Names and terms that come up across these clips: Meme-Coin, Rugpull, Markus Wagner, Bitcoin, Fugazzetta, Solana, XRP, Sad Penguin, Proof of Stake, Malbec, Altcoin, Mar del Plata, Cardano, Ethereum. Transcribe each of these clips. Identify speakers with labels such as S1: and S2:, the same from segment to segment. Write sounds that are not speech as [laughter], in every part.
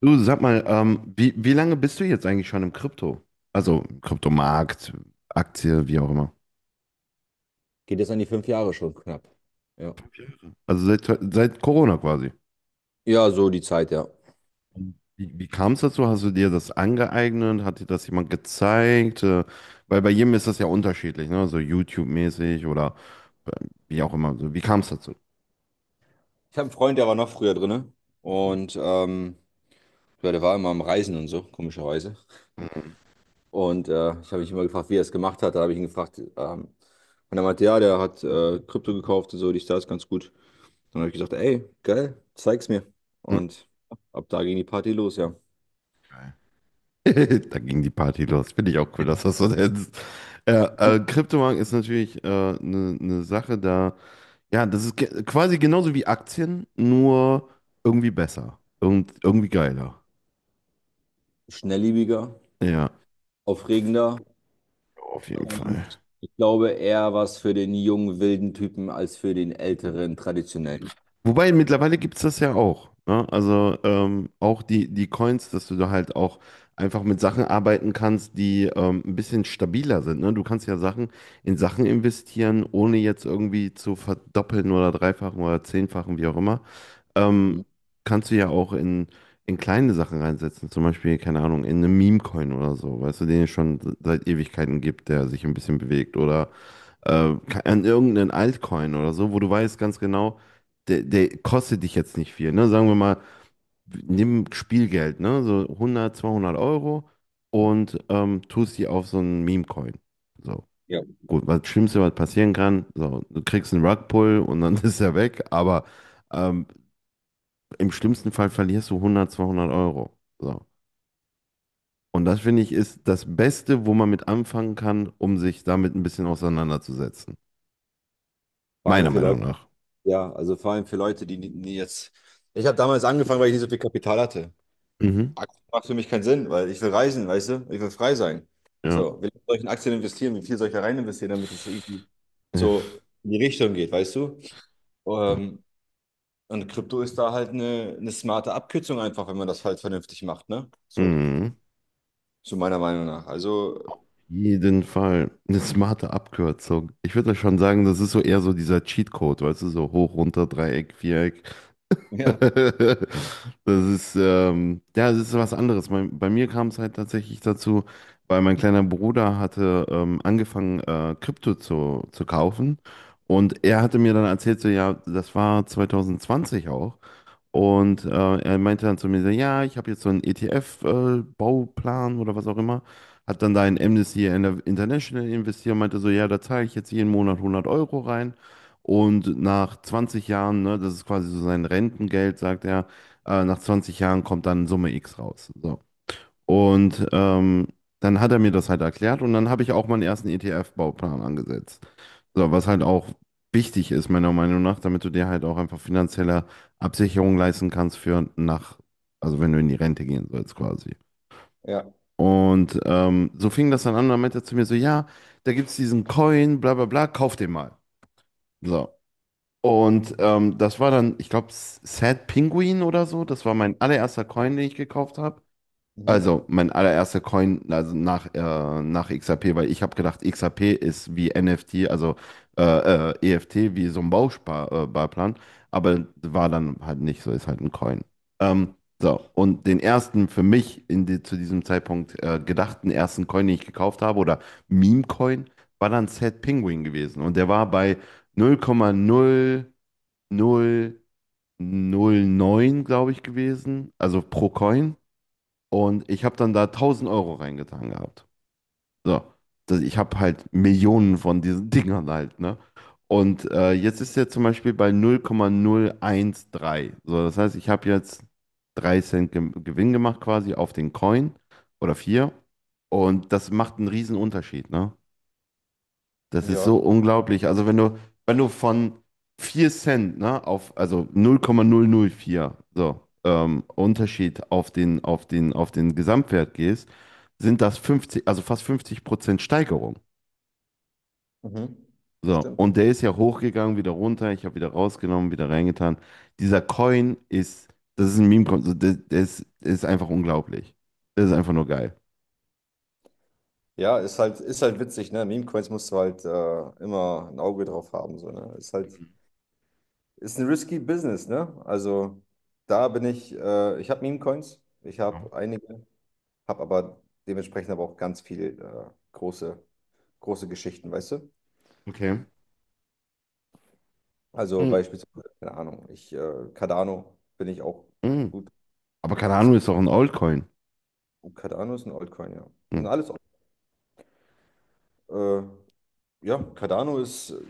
S1: Du, sag mal, wie lange bist du jetzt eigentlich schon im Krypto? Also im Kryptomarkt, Aktie, wie auch immer.
S2: Geht jetzt an die 5 Jahre schon knapp. Ja.
S1: Also seit Corona quasi.
S2: Ja, so die Zeit, ja.
S1: Wie kam es dazu? Hast du dir das angeeignet? Hat dir das jemand gezeigt? Weil bei jedem ist das ja unterschiedlich, ne? So YouTube-mäßig oder äh, wie auch immer. So, wie kam es dazu?
S2: Ich habe einen Freund, der war noch früher drin. Und ja, der war immer am Reisen und so, komischerweise.
S1: Mhm.
S2: Und ich habe mich immer gefragt, wie er es gemacht hat. Da habe ich ihn gefragt, und er meinte, ja, der hat Krypto gekauft und so, dies, das, ganz gut. Dann habe ich gesagt, ey, geil, zeig's mir.
S1: Mhm.
S2: Und ab da ging die Party los, ja.
S1: [laughs] Da ging die Party los. Finde ich auch cool, dass das so ist. Äh,
S2: [laughs]
S1: Kryptomarkt ist natürlich eine Sache da. Ja, das ist quasi genauso wie Aktien, nur irgendwie besser. Irgendwie geiler.
S2: Schnellliebiger,
S1: Ja,
S2: aufregender.
S1: auf jeden
S2: Und
S1: Fall.
S2: ich glaube, eher was für den jungen, wilden Typen als für den älteren, traditionellen.
S1: Wobei mittlerweile gibt es das ja auch. Ne? Also auch die Coins, dass du da halt auch einfach mit Sachen arbeiten kannst, die ein bisschen stabiler sind. Ne? Du kannst ja Sachen in Sachen investieren, ohne jetzt irgendwie zu verdoppeln oder dreifachen oder zehnfachen, wie auch immer. ähm,
S2: Mhm.
S1: Kannst du ja auch in kleine Sachen reinsetzen. Zum Beispiel, keine Ahnung, in einen Meme-Coin oder so, weißt du, den es schon seit Ewigkeiten gibt, der sich ein bisschen bewegt. Oder an irgendeinen Altcoin oder so, wo du weißt ganz genau, der kostet dich jetzt nicht viel. Ne? Sagen wir mal, nimm Spielgeld, ne? So hundert zweihundert Euro und tust die auf so einen Meme-Coin. So.
S2: Ja.
S1: Gut, was Schlimmste, was passieren kann, so, du kriegst einen Rugpull und dann [laughs] ist er weg, aber. Ähm, Im schlimmsten Fall verlierst du 100, 200 Euro. So. Und das finde ich ist das Beste, wo man mit anfangen kann, um sich damit ein bisschen auseinanderzusetzen.
S2: Vor allem
S1: Meiner
S2: für
S1: Meinung
S2: Leute,
S1: nach.
S2: ja, also vor allem für Leute, die, nie jetzt. Ich habe damals angefangen, weil ich nicht so viel Kapital hatte.
S1: Mhm.
S2: Aktien macht für mich keinen Sinn, weil ich will reisen, weißt du? Ich will frei sein.
S1: Ja.
S2: So, wie lange soll ich in Aktien investieren? Wie viel soll ich da rein investieren, damit es irgendwie
S1: Ja.
S2: so in die Richtung geht, weißt du? Ähm, und Krypto ist da halt eine smarte Abkürzung einfach, wenn man das halt vernünftig macht, ne? So,
S1: Mhm.
S2: zu meiner Meinung nach. Also,
S1: Jeden Fall. Eine smarte Abkürzung. Ich würde schon sagen, das ist so eher so dieser Cheatcode, weißt du, so hoch, runter, Dreieck, Viereck. [laughs]
S2: ja,
S1: Ja, das ist was anderes. Bei mir kam es halt tatsächlich dazu, weil mein kleiner Bruder hatte angefangen, Krypto zu kaufen. Und er hatte mir dann erzählt, so, ja, das war 2020 auch. Und er meinte dann zu mir, so, ja, ich habe jetzt so einen ETF-Bauplan oder was auch immer. Hat dann da in
S2: mhm,
S1: Amnesty International investiert und meinte so, ja, da zahle ich jetzt jeden Monat 100 Euro rein. Und nach 20 Jahren, ne, das ist quasi so sein Rentengeld, sagt er, nach 20 Jahren kommt dann Summe X raus. So. Und dann hat er mir das halt erklärt und dann habe ich auch meinen ersten ETF-Bauplan angesetzt. So, was halt auch wichtig ist, meiner Meinung nach, damit du dir halt auch einfach finanzielle Absicherung leisten kannst für nach, also wenn du in die Rente gehen sollst quasi.
S2: ja,
S1: Und so fing das dann an, dann meinte er zu mir so, ja, da gibt es diesen Coin, bla bla bla, kauf den mal. So. Und das war dann, ich glaube, Sad Penguin oder so, das war mein allererster Coin, den ich gekauft habe.
S2: mhm.
S1: Also, mein allererster Coin, also nach XRP, weil ich habe gedacht, XRP ist wie NFT, also äh, EFT, wie so ein Bausparplan, Barplan. Aber war dann halt nicht so, ist halt ein Coin. Ähm, so, und den ersten für mich in die, zu diesem Zeitpunkt gedachten ersten Coin, den ich gekauft habe, oder Meme-Coin, war dann Sad Penguin gewesen. Und der war bei null Komma null null null Komma neun glaube ich, gewesen, also pro Coin. Und ich habe dann da 1.000 Euro reingetan gehabt. So. Das, ich habe halt Millionen von diesen [laughs] Dingern halt, ne? Und jetzt ist er zum Beispiel bei null null Komma null eins drei. So, das heißt, ich habe jetzt 3 Cent Ge Gewinn gemacht quasi auf den Coin oder vier. Und das macht einen riesen Unterschied, ne? Das ist
S2: Ja,
S1: so unglaublich. Also wenn du von 4 Cent, ne, auf, also null Komma null null Komma vier so, Unterschied auf den Gesamtwert gehst, sind das 50 also fast 50% Steigerung.
S2: mhm. Das
S1: So,
S2: stimmt.
S1: und der ist ja hochgegangen, wieder runter, ich habe wieder rausgenommen, wieder reingetan. Dieser Coin ist, das ist ein Meme-Coin, so, der ist einfach unglaublich. Das ist einfach nur geil.
S2: Ja, ist halt witzig, ne? Meme-Coins musst du halt immer ein Auge drauf haben, so, ne? Ist ein risky Business, ne? Also da bin ich, ich habe Meme-Coins, ich
S1: Ja.
S2: habe einige, habe aber dementsprechend aber auch ganz viel große, große Geschichten, weißt du?
S1: Okay.
S2: Also
S1: Mm,
S2: beispielsweise, keine Ahnung, Cardano bin ich auch
S1: mm.
S2: gut.
S1: Aber Cardano ist auch ein Altcoin.
S2: Oh, Cardano ist ein Altcoin, ja. Das
S1: Hm.
S2: sind alles, äh, ja, Cardano ist,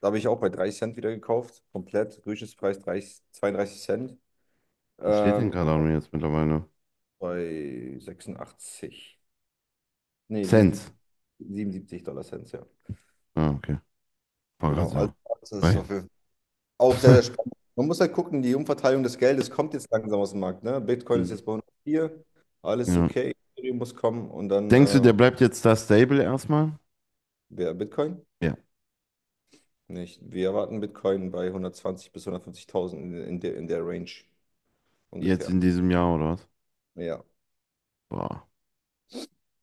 S2: da habe ich auch bei 30 Cent wieder gekauft, komplett, Durchschnittspreis 30, 32 Cent.
S1: Wo steht denn
S2: Ähm,
S1: Cardano jetzt mittlerweile?
S2: Bei 86. Nee,
S1: Cents.
S2: 77, 77 Dollar Cent, ja.
S1: Ah, okay. War grad
S2: Genau. Also
S1: so.
S2: das ist auf
S1: Weil-
S2: jeden Fall auch sehr, sehr
S1: [laughs]
S2: spannend. Man muss halt gucken, die Umverteilung des Geldes kommt jetzt langsam aus dem Markt. Ne? Bitcoin ist
S1: Mhm.
S2: jetzt bei 104, alles ist
S1: Ja.
S2: okay, Ethereum muss kommen und dann
S1: Denkst du, der bleibt jetzt da stable erstmal?
S2: wer Bitcoin?
S1: Ja.
S2: Nicht. Wir erwarten Bitcoin bei 120 bis 150.000 in der Range
S1: Jetzt
S2: ungefähr.
S1: in diesem Jahr oder was?
S2: Ja.
S1: Boah.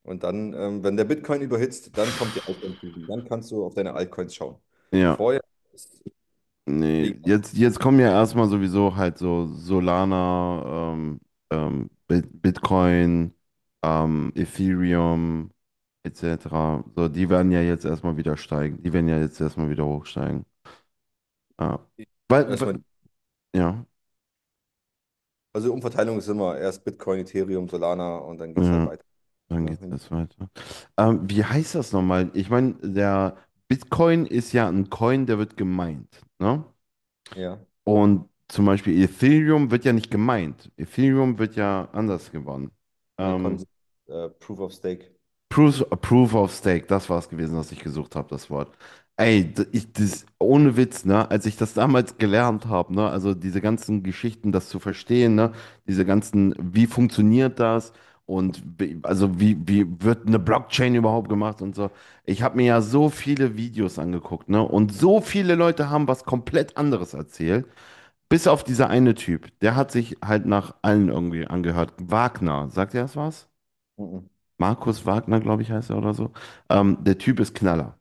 S2: Und dann, wenn der Bitcoin überhitzt, dann kommt die Altcoin-Season. Dann kannst du auf deine Altcoins schauen.
S1: Ja.
S2: Vorher.
S1: Nee. Jetzt kommen ja erstmal sowieso halt so Solana, Bitcoin, Ethereum, etc. So, die werden ja jetzt erstmal wieder steigen. Die werden ja jetzt erstmal wieder hochsteigen. Ja. Weil,
S2: Erstmal,
S1: weil, ja.
S2: also Umverteilung ist immer erst Bitcoin, Ethereum, Solana und dann geht es halt
S1: Ja.
S2: weiter.
S1: Dann
S2: Ne?
S1: geht es weiter. Wie heißt das nochmal? Ich meine, der Bitcoin ist ja ein Coin, der wird gemeint, ne?
S2: Ja,
S1: Und zum Beispiel Ethereum wird ja nicht gemeint. Ethereum wird ja anders gewonnen.
S2: in der
S1: Ähm,
S2: Konsens, Proof of Stake.
S1: Proof of Stake, das war es gewesen, was ich gesucht habe, das Wort. Ey, ich, das, ohne Witz, ne, als ich das damals gelernt habe, ne, also diese ganzen Geschichten, das zu verstehen, ne, diese ganzen, wie funktioniert das und wie, also wie wird eine Blockchain überhaupt gemacht und so. Ich habe mir ja so viele Videos angeguckt, ne, und so viele Leute haben was komplett anderes erzählt, bis auf dieser eine Typ, der hat sich halt nach allen irgendwie angehört. Wagner, sagt ihr das was?
S2: Mhm.
S1: Markus Wagner, glaube ich, heißt er oder so. Der Typ ist Knaller.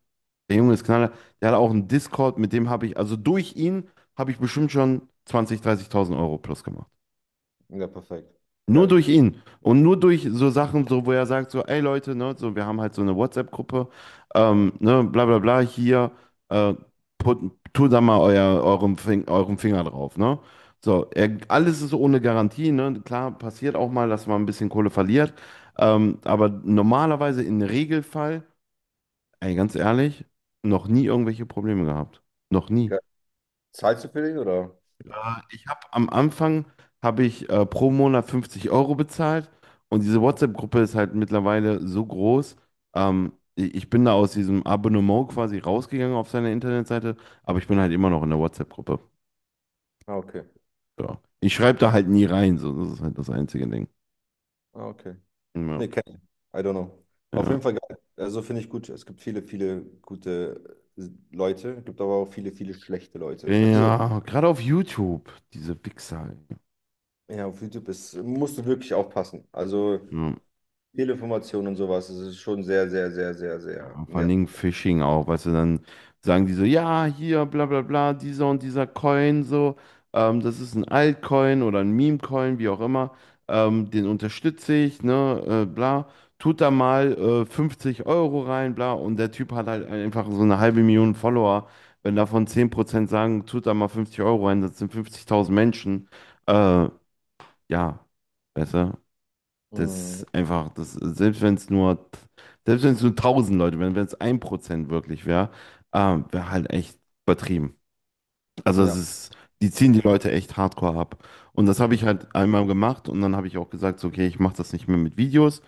S1: Der Junge ist Knaller. Der hat auch einen Discord, mit dem habe ich, also durch ihn habe ich bestimmt schon 20.000, 30.000 Euro plus gemacht.
S2: Ja, perfekt.
S1: Nur durch
S2: Geil.
S1: ihn und nur durch so Sachen, so wo er sagt, so, ey Leute, ne, so, wir haben halt so eine WhatsApp-Gruppe, ne, bla bla bla, hier, äh, tut da mal eurem Finger drauf, ne? So, er, alles ist ohne Garantie, ne? Klar, passiert auch mal, dass man ein bisschen Kohle verliert, aber normalerweise im Regelfall, ey, ganz ehrlich, noch nie irgendwelche Probleme gehabt. Noch nie.
S2: Geil. Zahlst du für den oder?
S1: Ich habe am Anfang habe ich pro Monat 50 Euro bezahlt und diese WhatsApp-Gruppe ist halt mittlerweile so groß. Ich bin da aus diesem Abonnement quasi rausgegangen auf seiner Internetseite, aber ich bin halt immer noch in der WhatsApp-Gruppe.
S2: Ah, okay.
S1: Ja. Ich schreibe
S2: Ja.
S1: da halt nie rein, so das ist halt das einzige Ding.
S2: Ah, okay. Nee,
S1: Ja,
S2: kenn ich. I don't know. Auf jeden
S1: ja.
S2: Fall geil. Also finde ich gut. Es gibt viele, viele gute Leute, gibt aber auch viele, viele schlechte Leute. [laughs] Also,
S1: Ja, gerade auf YouTube, diese Wichser, ey.
S2: ja, auf YouTube musst du wirklich aufpassen. Also,
S1: Ja.
S2: Fehlinformationen und sowas, es ist schon sehr, sehr, sehr, sehr, sehr.
S1: Ja, vor
S2: Ja.
S1: allen Dingen Phishing auch, weißt du, dann sagen die so, ja, hier, bla bla bla, dieser und dieser Coin, so, das ist ein Altcoin oder ein Meme-Coin, wie auch immer, den unterstütze ich, ne, bla, tut da mal 50 Euro rein, bla, und der Typ hat halt einfach so eine halbe Million Follower. Wenn davon 10% sagen, tut da mal 50 Euro rein, das sind 50.000 Menschen, äh, ja, weißt du, das
S2: Mhm.
S1: ist einfach, das, selbst wenn es nur, selbst wenn es nur 1.000 Leute wären, wenn es 1% wirklich wäre, wäre halt echt übertrieben. Also es
S2: Ja.
S1: ist, die ziehen die Leute echt hardcore ab. Und das habe ich
S2: Ich,
S1: halt einmal gemacht und dann habe ich auch gesagt, so, okay, ich mache das nicht mehr mit Videos,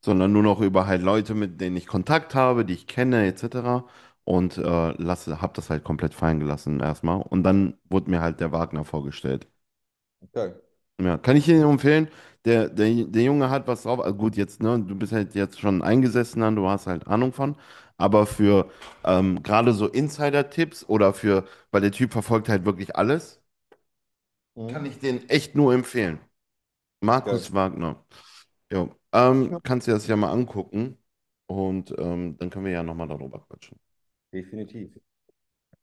S1: sondern nur noch über halt Leute, mit denen ich Kontakt habe, die ich kenne, etc. Und habe das halt komplett fallen gelassen erstmal. Und dann wurde mir halt der Wagner vorgestellt.
S2: Geil.
S1: Ja, kann ich Ihnen empfehlen. Der Junge hat was drauf. Also gut, jetzt, ne, du bist halt jetzt schon eingesessen, dann, du hast halt Ahnung von. Aber für gerade so Insider-Tipps oder für, weil der Typ verfolgt halt wirklich alles, kann
S2: Mhm.
S1: ich den echt nur empfehlen.
S2: Geil.
S1: Markus Wagner. Jo.
S2: Ich mach-
S1: Kannst du dir das ja mal angucken und dann können wir ja nochmal darüber quatschen.
S2: Definitiv.